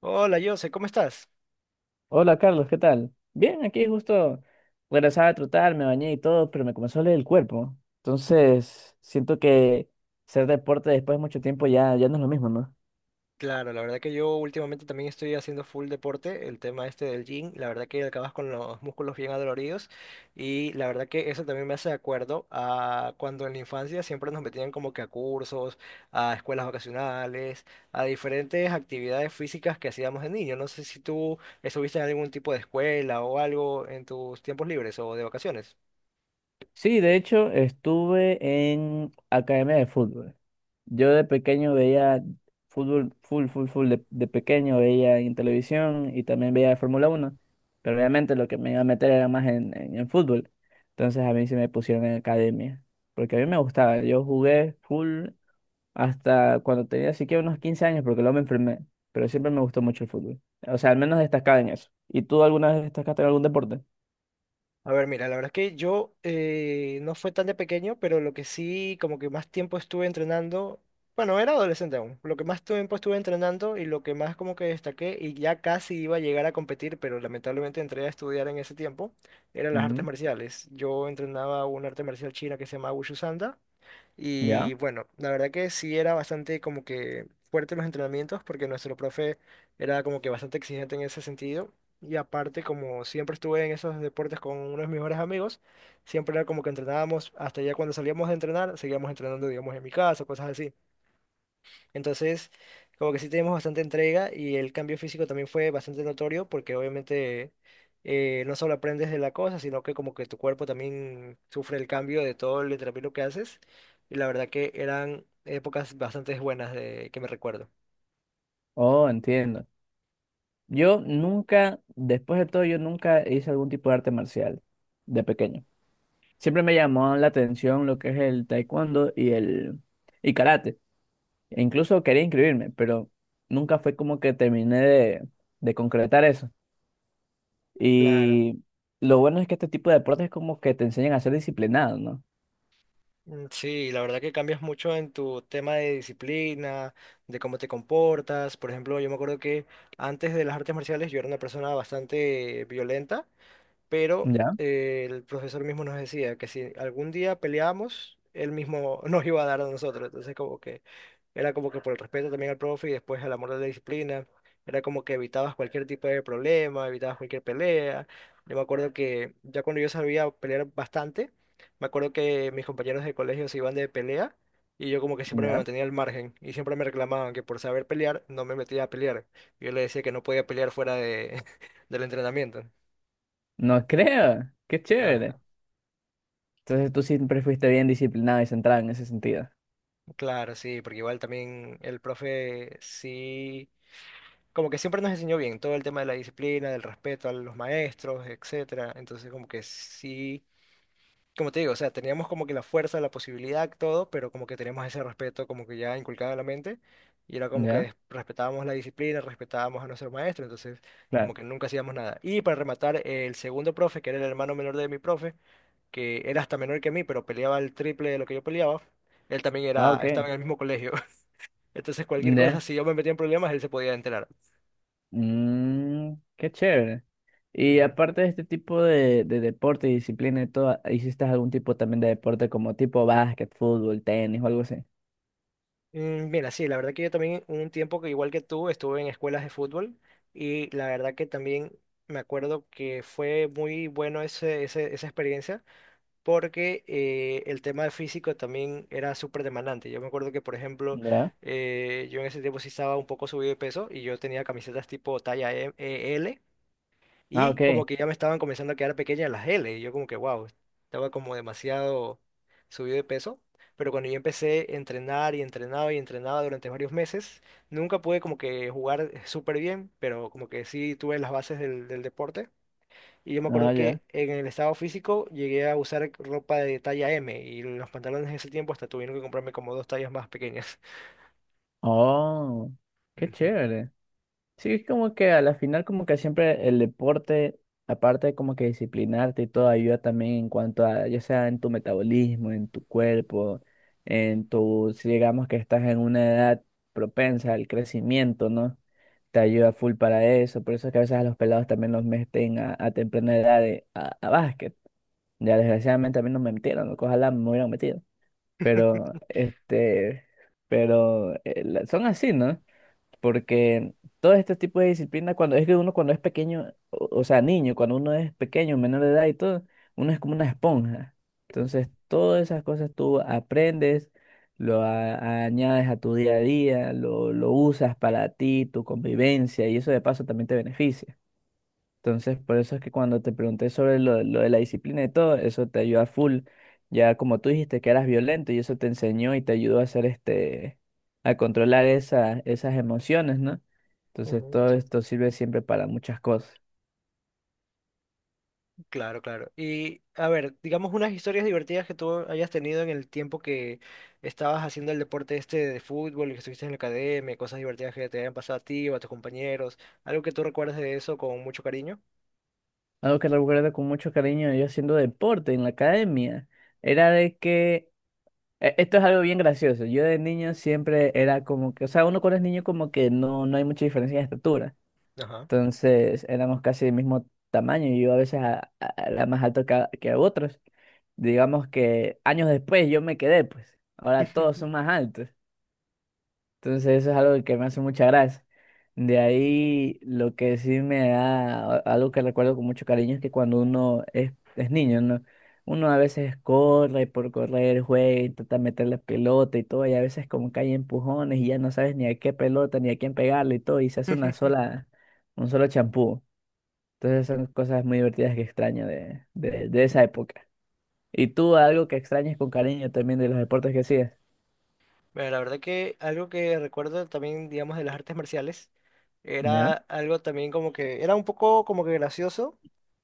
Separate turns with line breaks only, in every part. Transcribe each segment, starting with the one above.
Hola, Jose, ¿cómo estás?
Hola Carlos, ¿qué tal? Bien, aquí justo regresaba a trotar, me bañé y todo, pero me comenzó a doler el cuerpo. Entonces, siento que hacer deporte después de mucho tiempo ya no es lo mismo, ¿no?
Claro, la verdad que yo últimamente también estoy haciendo full deporte, el tema este del gym, la verdad que acabas con los músculos bien adoloridos y la verdad que eso también me hace de acuerdo a cuando en la infancia siempre nos metían como que a cursos, a escuelas vacacionales, a diferentes actividades físicas que hacíamos de niño. No sé si tú estuviste en algún tipo de escuela o algo en tus tiempos libres o de vacaciones.
Sí, de hecho, estuve en academia de fútbol. Yo de pequeño veía fútbol, full, full, full, de pequeño veía en televisión y también veía Fórmula Uno, pero obviamente lo que me iba a meter era más en, en fútbol. Entonces a mí se me pusieron en academia, porque a mí me gustaba. Yo jugué full hasta cuando tenía así que unos 15 años, porque luego me enfermé, pero siempre me gustó mucho el fútbol. O sea, al menos destacaba en eso. ¿Y tú alguna vez destacaste en algún deporte?
A ver, mira, la verdad es que yo no fue tan de pequeño, pero lo que sí, como que más tiempo estuve entrenando, bueno, era adolescente aún, lo que más tiempo estuve entrenando y lo que más como que destaqué y ya casi iba a llegar a competir, pero lamentablemente entré a estudiar en ese tiempo, eran las artes
Mm.
marciales. Yo entrenaba una arte marcial china que se llama Wushu Sanda
¿Ya?
y bueno, la verdad que sí era bastante como que fuerte los entrenamientos porque nuestro profe era como que bastante exigente en ese sentido. Y aparte, como siempre estuve en esos deportes con uno de mis mejores amigos, siempre era como que entrenábamos, hasta ya cuando salíamos de entrenar, seguíamos entrenando, digamos, en mi casa, cosas así. Entonces, como que sí tenemos bastante entrega y el cambio físico también fue bastante notorio porque obviamente no solo aprendes de la cosa, sino que como que tu cuerpo también sufre el cambio de todo el entrenamiento que haces. Y la verdad que eran épocas bastante buenas de que me recuerdo.
Oh, entiendo. Yo nunca, después de todo, yo nunca hice algún tipo de arte marcial de pequeño. Siempre me llamó la atención lo que es el taekwondo y karate. E incluso quería inscribirme, pero nunca fue como que terminé de concretar eso.
Claro.
Y lo bueno es que este tipo de deportes como que te enseñan a ser disciplinado, ¿no?
Mm, sí, la verdad que cambias mucho en tu tema de disciplina, de cómo te comportas. Por ejemplo, yo me acuerdo que antes de las artes marciales yo era una persona bastante violenta pero
¿Ya?
el profesor mismo nos decía que si algún día peleábamos, él mismo nos iba a dar a nosotros. Entonces, como que era como que por el respeto también al profe y después al amor de la disciplina, era como que evitabas cualquier tipo de problema, evitabas cualquier pelea. Yo me acuerdo que ya cuando yo sabía pelear bastante, me acuerdo que mis compañeros de colegio se iban de pelea. Y yo como que siempre me
¿Ya?
mantenía al margen y siempre me reclamaban que por saber pelear no me metía a pelear. Yo le decía que no podía pelear del entrenamiento.
No creo, qué chévere. Entonces tú siempre fuiste bien disciplinado y centrado en ese sentido.
Claro, sí, porque igual también el profe sí, como que siempre nos enseñó bien todo el tema de la disciplina, del respeto a los maestros, etcétera. Entonces, como que sí, como te digo, o sea, teníamos como que la fuerza, la posibilidad, todo, pero como que teníamos ese respeto como que ya inculcado en la mente y era como que
¿Ya?
respetábamos la disciplina, respetábamos a nuestro maestro, entonces como
Claro.
que nunca hacíamos nada. Y para rematar, el segundo profe, que era el hermano menor de mi profe, que era hasta menor que mí, pero peleaba el triple de lo que yo peleaba, él también
Ah,
era,
ok.
estaba en el mismo colegio. Entonces, cualquier cosa,
¿Ya?
si yo me metía en problemas, él se podía enterar.
Mm, qué chévere. Y
Ujú.
aparte de este tipo de deporte y disciplina y todo, ¿hiciste algún tipo también de deporte como tipo básquet, fútbol, tenis o algo así?
Mm, mira, sí, la verdad que yo también un tiempo que igual que tú estuve en escuelas de fútbol y la verdad que también me acuerdo que fue muy bueno esa experiencia porque el tema físico también era súper demandante. Yo me acuerdo que, por ejemplo,
¿Ya?
yo en ese tiempo sí estaba un poco subido de peso y yo tenía camisetas tipo talla L.
Ah,
Y
ok.
como que ya me estaban comenzando a quedar pequeñas las L. Y yo como que, wow, estaba como demasiado subido de peso. Pero cuando yo empecé a entrenar y entrenaba durante varios meses, nunca pude como que jugar súper bien, pero como que sí tuve las bases del deporte. Y yo me
Ah,
acuerdo
ya.
que en el estado físico llegué a usar ropa de talla M y los pantalones en ese tiempo hasta tuvieron que comprarme como dos tallas más pequeñas.
Oh, qué chévere. Sí, es como que a la final como que siempre el deporte, aparte de como que disciplinarte y todo, ayuda también en cuanto a, ya sea en tu metabolismo, en tu cuerpo, si digamos que estás en una edad propensa al crecimiento, ¿no? Te ayuda full para eso, por eso es que a veces a los pelados también los meten a temprana edad a básquet. Ya desgraciadamente a mí no me metieron, ¿no? Que ojalá me hubieran metido, pero son así, ¿no? Porque todos estos tipos de disciplinas, cuando es que uno cuando es pequeño, o sea, niño, cuando uno es pequeño, menor de edad y todo, uno es como una esponja. Entonces, todas esas cosas tú aprendes, lo añades a tu día a día, lo usas para ti, tu convivencia, y eso de paso también te beneficia. Entonces, por eso es que cuando te pregunté sobre lo de la disciplina y todo, eso te ayuda full. Ya como tú dijiste que eras violento y eso te enseñó y te ayudó a hacer a controlar esas emociones, ¿no? Entonces,
Ujú.
todo
Ujú.
esto sirve siempre para muchas cosas.
Claro, claro. Y a ver, digamos unas historias divertidas que tú hayas tenido en el tiempo que estabas haciendo el deporte este de fútbol y que estuviste en la academia, cosas divertidas que te hayan pasado a ti o a tus compañeros, algo que tú recuerdas de eso con mucho cariño.
Algo que recuerdo con mucho cariño yo haciendo deporte en la academia era de que, esto es algo bien gracioso. Yo de niño siempre era como que, o sea, uno cuando es niño como que no hay mucha diferencia de estatura.
Ajá.
Entonces éramos casi del mismo tamaño y yo a veces era más alto que a otros. Digamos que años después yo me quedé, pues. Ahora todos son más altos. Entonces eso es algo que me hace mucha gracia. De ahí lo que sí me da algo que recuerdo con mucho cariño es que cuando uno es niño, ¿no? Uno a veces corre por correr, juega, intenta meter la pelota y todo, y a veces como que hay empujones y ya no sabes ni a qué pelota ni a quién pegarle y todo, y se hace un solo champú. Entonces son cosas muy divertidas que extraño de esa época. ¿Y tú algo que extrañes con cariño también de los deportes que hacías?
Mira, la verdad que algo que recuerdo también, digamos, de las artes marciales era
¿Ya?
algo también como que era un poco como que gracioso,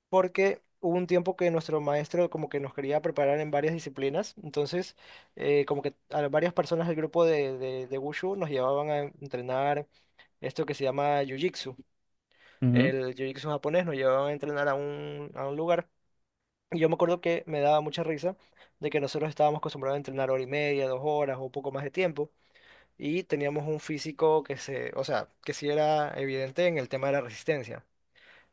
porque hubo un tiempo que nuestro maestro como que nos quería preparar en varias disciplinas, entonces como que a varias personas del grupo de Wushu nos llevaban a entrenar esto que se llama Jiu-Jitsu,
Ujú.
el Jiu-Jitsu japonés, nos llevaban a entrenar a a un lugar. Y yo me acuerdo que me daba mucha risa de que nosotros estábamos acostumbrados a entrenar hora y media, dos horas o poco más de tiempo, y teníamos un físico que se, o sea, que sí era evidente en el tema de la resistencia.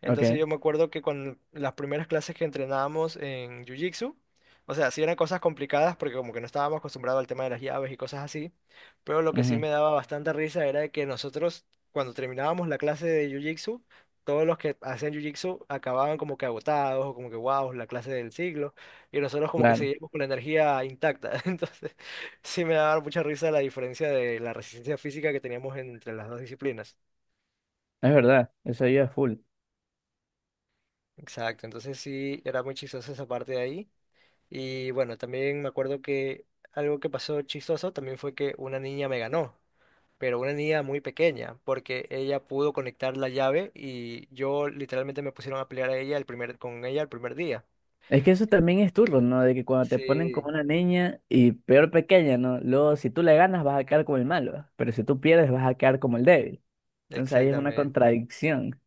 Entonces
Ok.
yo me acuerdo que con las primeras clases que entrenábamos en Jiu-Jitsu, o sea, sí eran cosas complicadas porque como que no estábamos acostumbrados al tema de las llaves y cosas así, pero lo que sí
Ujú.
me daba bastante risa era de que nosotros cuando terminábamos la clase de Jiu-Jitsu, todos los que hacían Jiu-Jitsu acababan como que agotados o como que wow, la clase del siglo, y nosotros como que
Claro.
seguíamos con la energía intacta. Entonces sí me daba mucha risa la diferencia de la resistencia física que teníamos entre las dos disciplinas.
Es verdad. Eso ayuda full.
Exacto, entonces sí, era muy chistosa esa parte de ahí. Y bueno, también me acuerdo que algo que pasó chistoso también fue que una niña me ganó, pero una niña muy pequeña, porque ella pudo conectar la llave y yo literalmente me pusieron a pelear a ella el primer, con ella el primer día.
Es que eso también es turno, ¿no? De que cuando te ponen
Sí,
como una niña y peor pequeña, ¿no? Luego, si tú le ganas, vas a quedar como el malo. Pero si tú pierdes, vas a quedar como el débil. Entonces ahí es una
exactamente.
contradicción.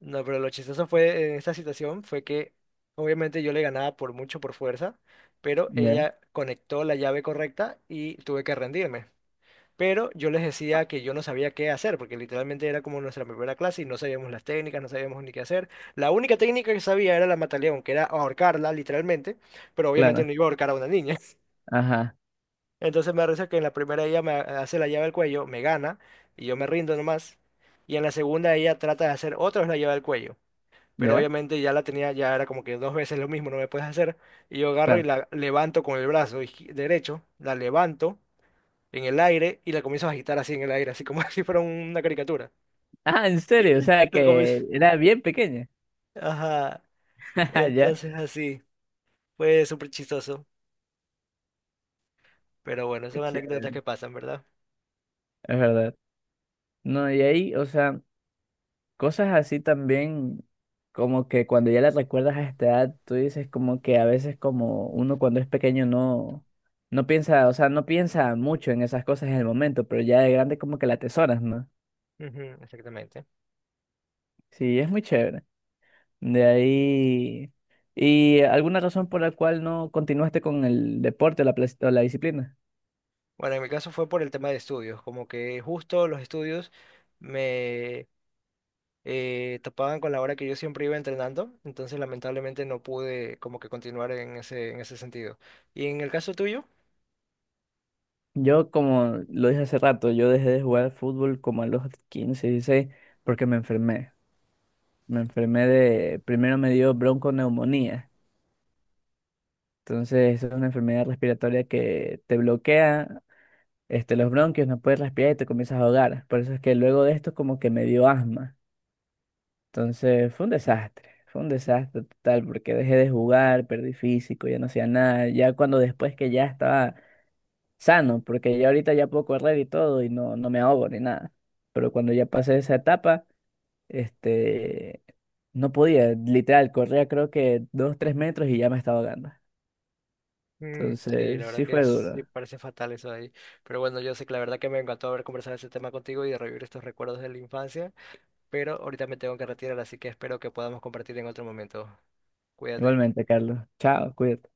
No, pero lo chistoso fue en esta situación fue que obviamente yo le ganaba por mucho, por fuerza, pero
¿Ya?
ella conectó la llave correcta y tuve que rendirme. Pero yo les decía que yo no sabía qué hacer, porque literalmente era como nuestra primera clase y no sabíamos las técnicas, no sabíamos ni qué hacer. La única técnica que sabía era la mataleón, que era ahorcarla, literalmente, pero obviamente
Claro.
no iba a ahorcar a una niña.
Ajá.
Entonces me parece que en la primera ella me hace la llave al cuello, me gana, y yo me rindo nomás. Y en la segunda ella trata de hacer otra vez la llave al cuello. Pero
¿Ya?
obviamente ya la tenía, ya era como que dos veces lo mismo, no me puedes hacer. Y yo agarro y
Claro.
la levanto con el brazo derecho, la levanto en el aire y la comienzas a agitar así en el aire, así como si fuera una caricatura.
Ah, en serio. O sea
La comi-
que era bien pequeña.
Ajá.
Ah, ya.
Entonces así. Fue súper chistoso. Pero bueno,
Qué
son anécdotas
chévere.
que pasan, ¿verdad?
Es verdad. No, y ahí, o sea, cosas así también, como que cuando ya las recuerdas a esta edad, tú dices como que a veces como uno cuando es pequeño no piensa, o sea, no piensa mucho en esas cosas en el momento, pero ya de grande como que la atesoras, ¿no?
Ujú, exactamente.
Sí, es muy chévere. De ahí, ¿y alguna razón por la cual no continuaste con el deporte o la disciplina?
Bueno, en mi caso fue por el tema de estudios, como que justo los estudios me topaban con la hora que yo siempre iba entrenando, entonces lamentablemente no pude como que continuar en en ese sentido. ¿Y en el caso tuyo?
Yo, como lo dije hace rato, yo dejé de jugar fútbol como a los 15, 16, porque me enfermé. Me enfermé de, primero me dio bronconeumonía. Entonces, es una enfermedad respiratoria que te bloquea, este, los bronquios, no puedes respirar y te comienzas a ahogar. Por eso es que luego de esto como que me dio asma. Entonces, fue un desastre total porque dejé de jugar, perdí físico, ya no hacía nada. Ya cuando después que ya estaba sano, porque ya ahorita ya puedo correr y todo y no me ahogo ni nada. Pero cuando ya pasé esa etapa, este, no podía, literal, corría creo que 2, 3 metros y ya me estaba ahogando.
Mm, sí, la
Entonces,
verdad
sí
que
fue
es, sí,
duro.
parece fatal eso de ahí. Pero bueno, yo sé que la verdad que me encantó haber conversado ese tema contigo y de revivir estos recuerdos de la infancia, pero ahorita me tengo que retirar, así que espero que podamos compartir en otro momento. Cuídate.
Igualmente, Carlos. Chao, cuídate.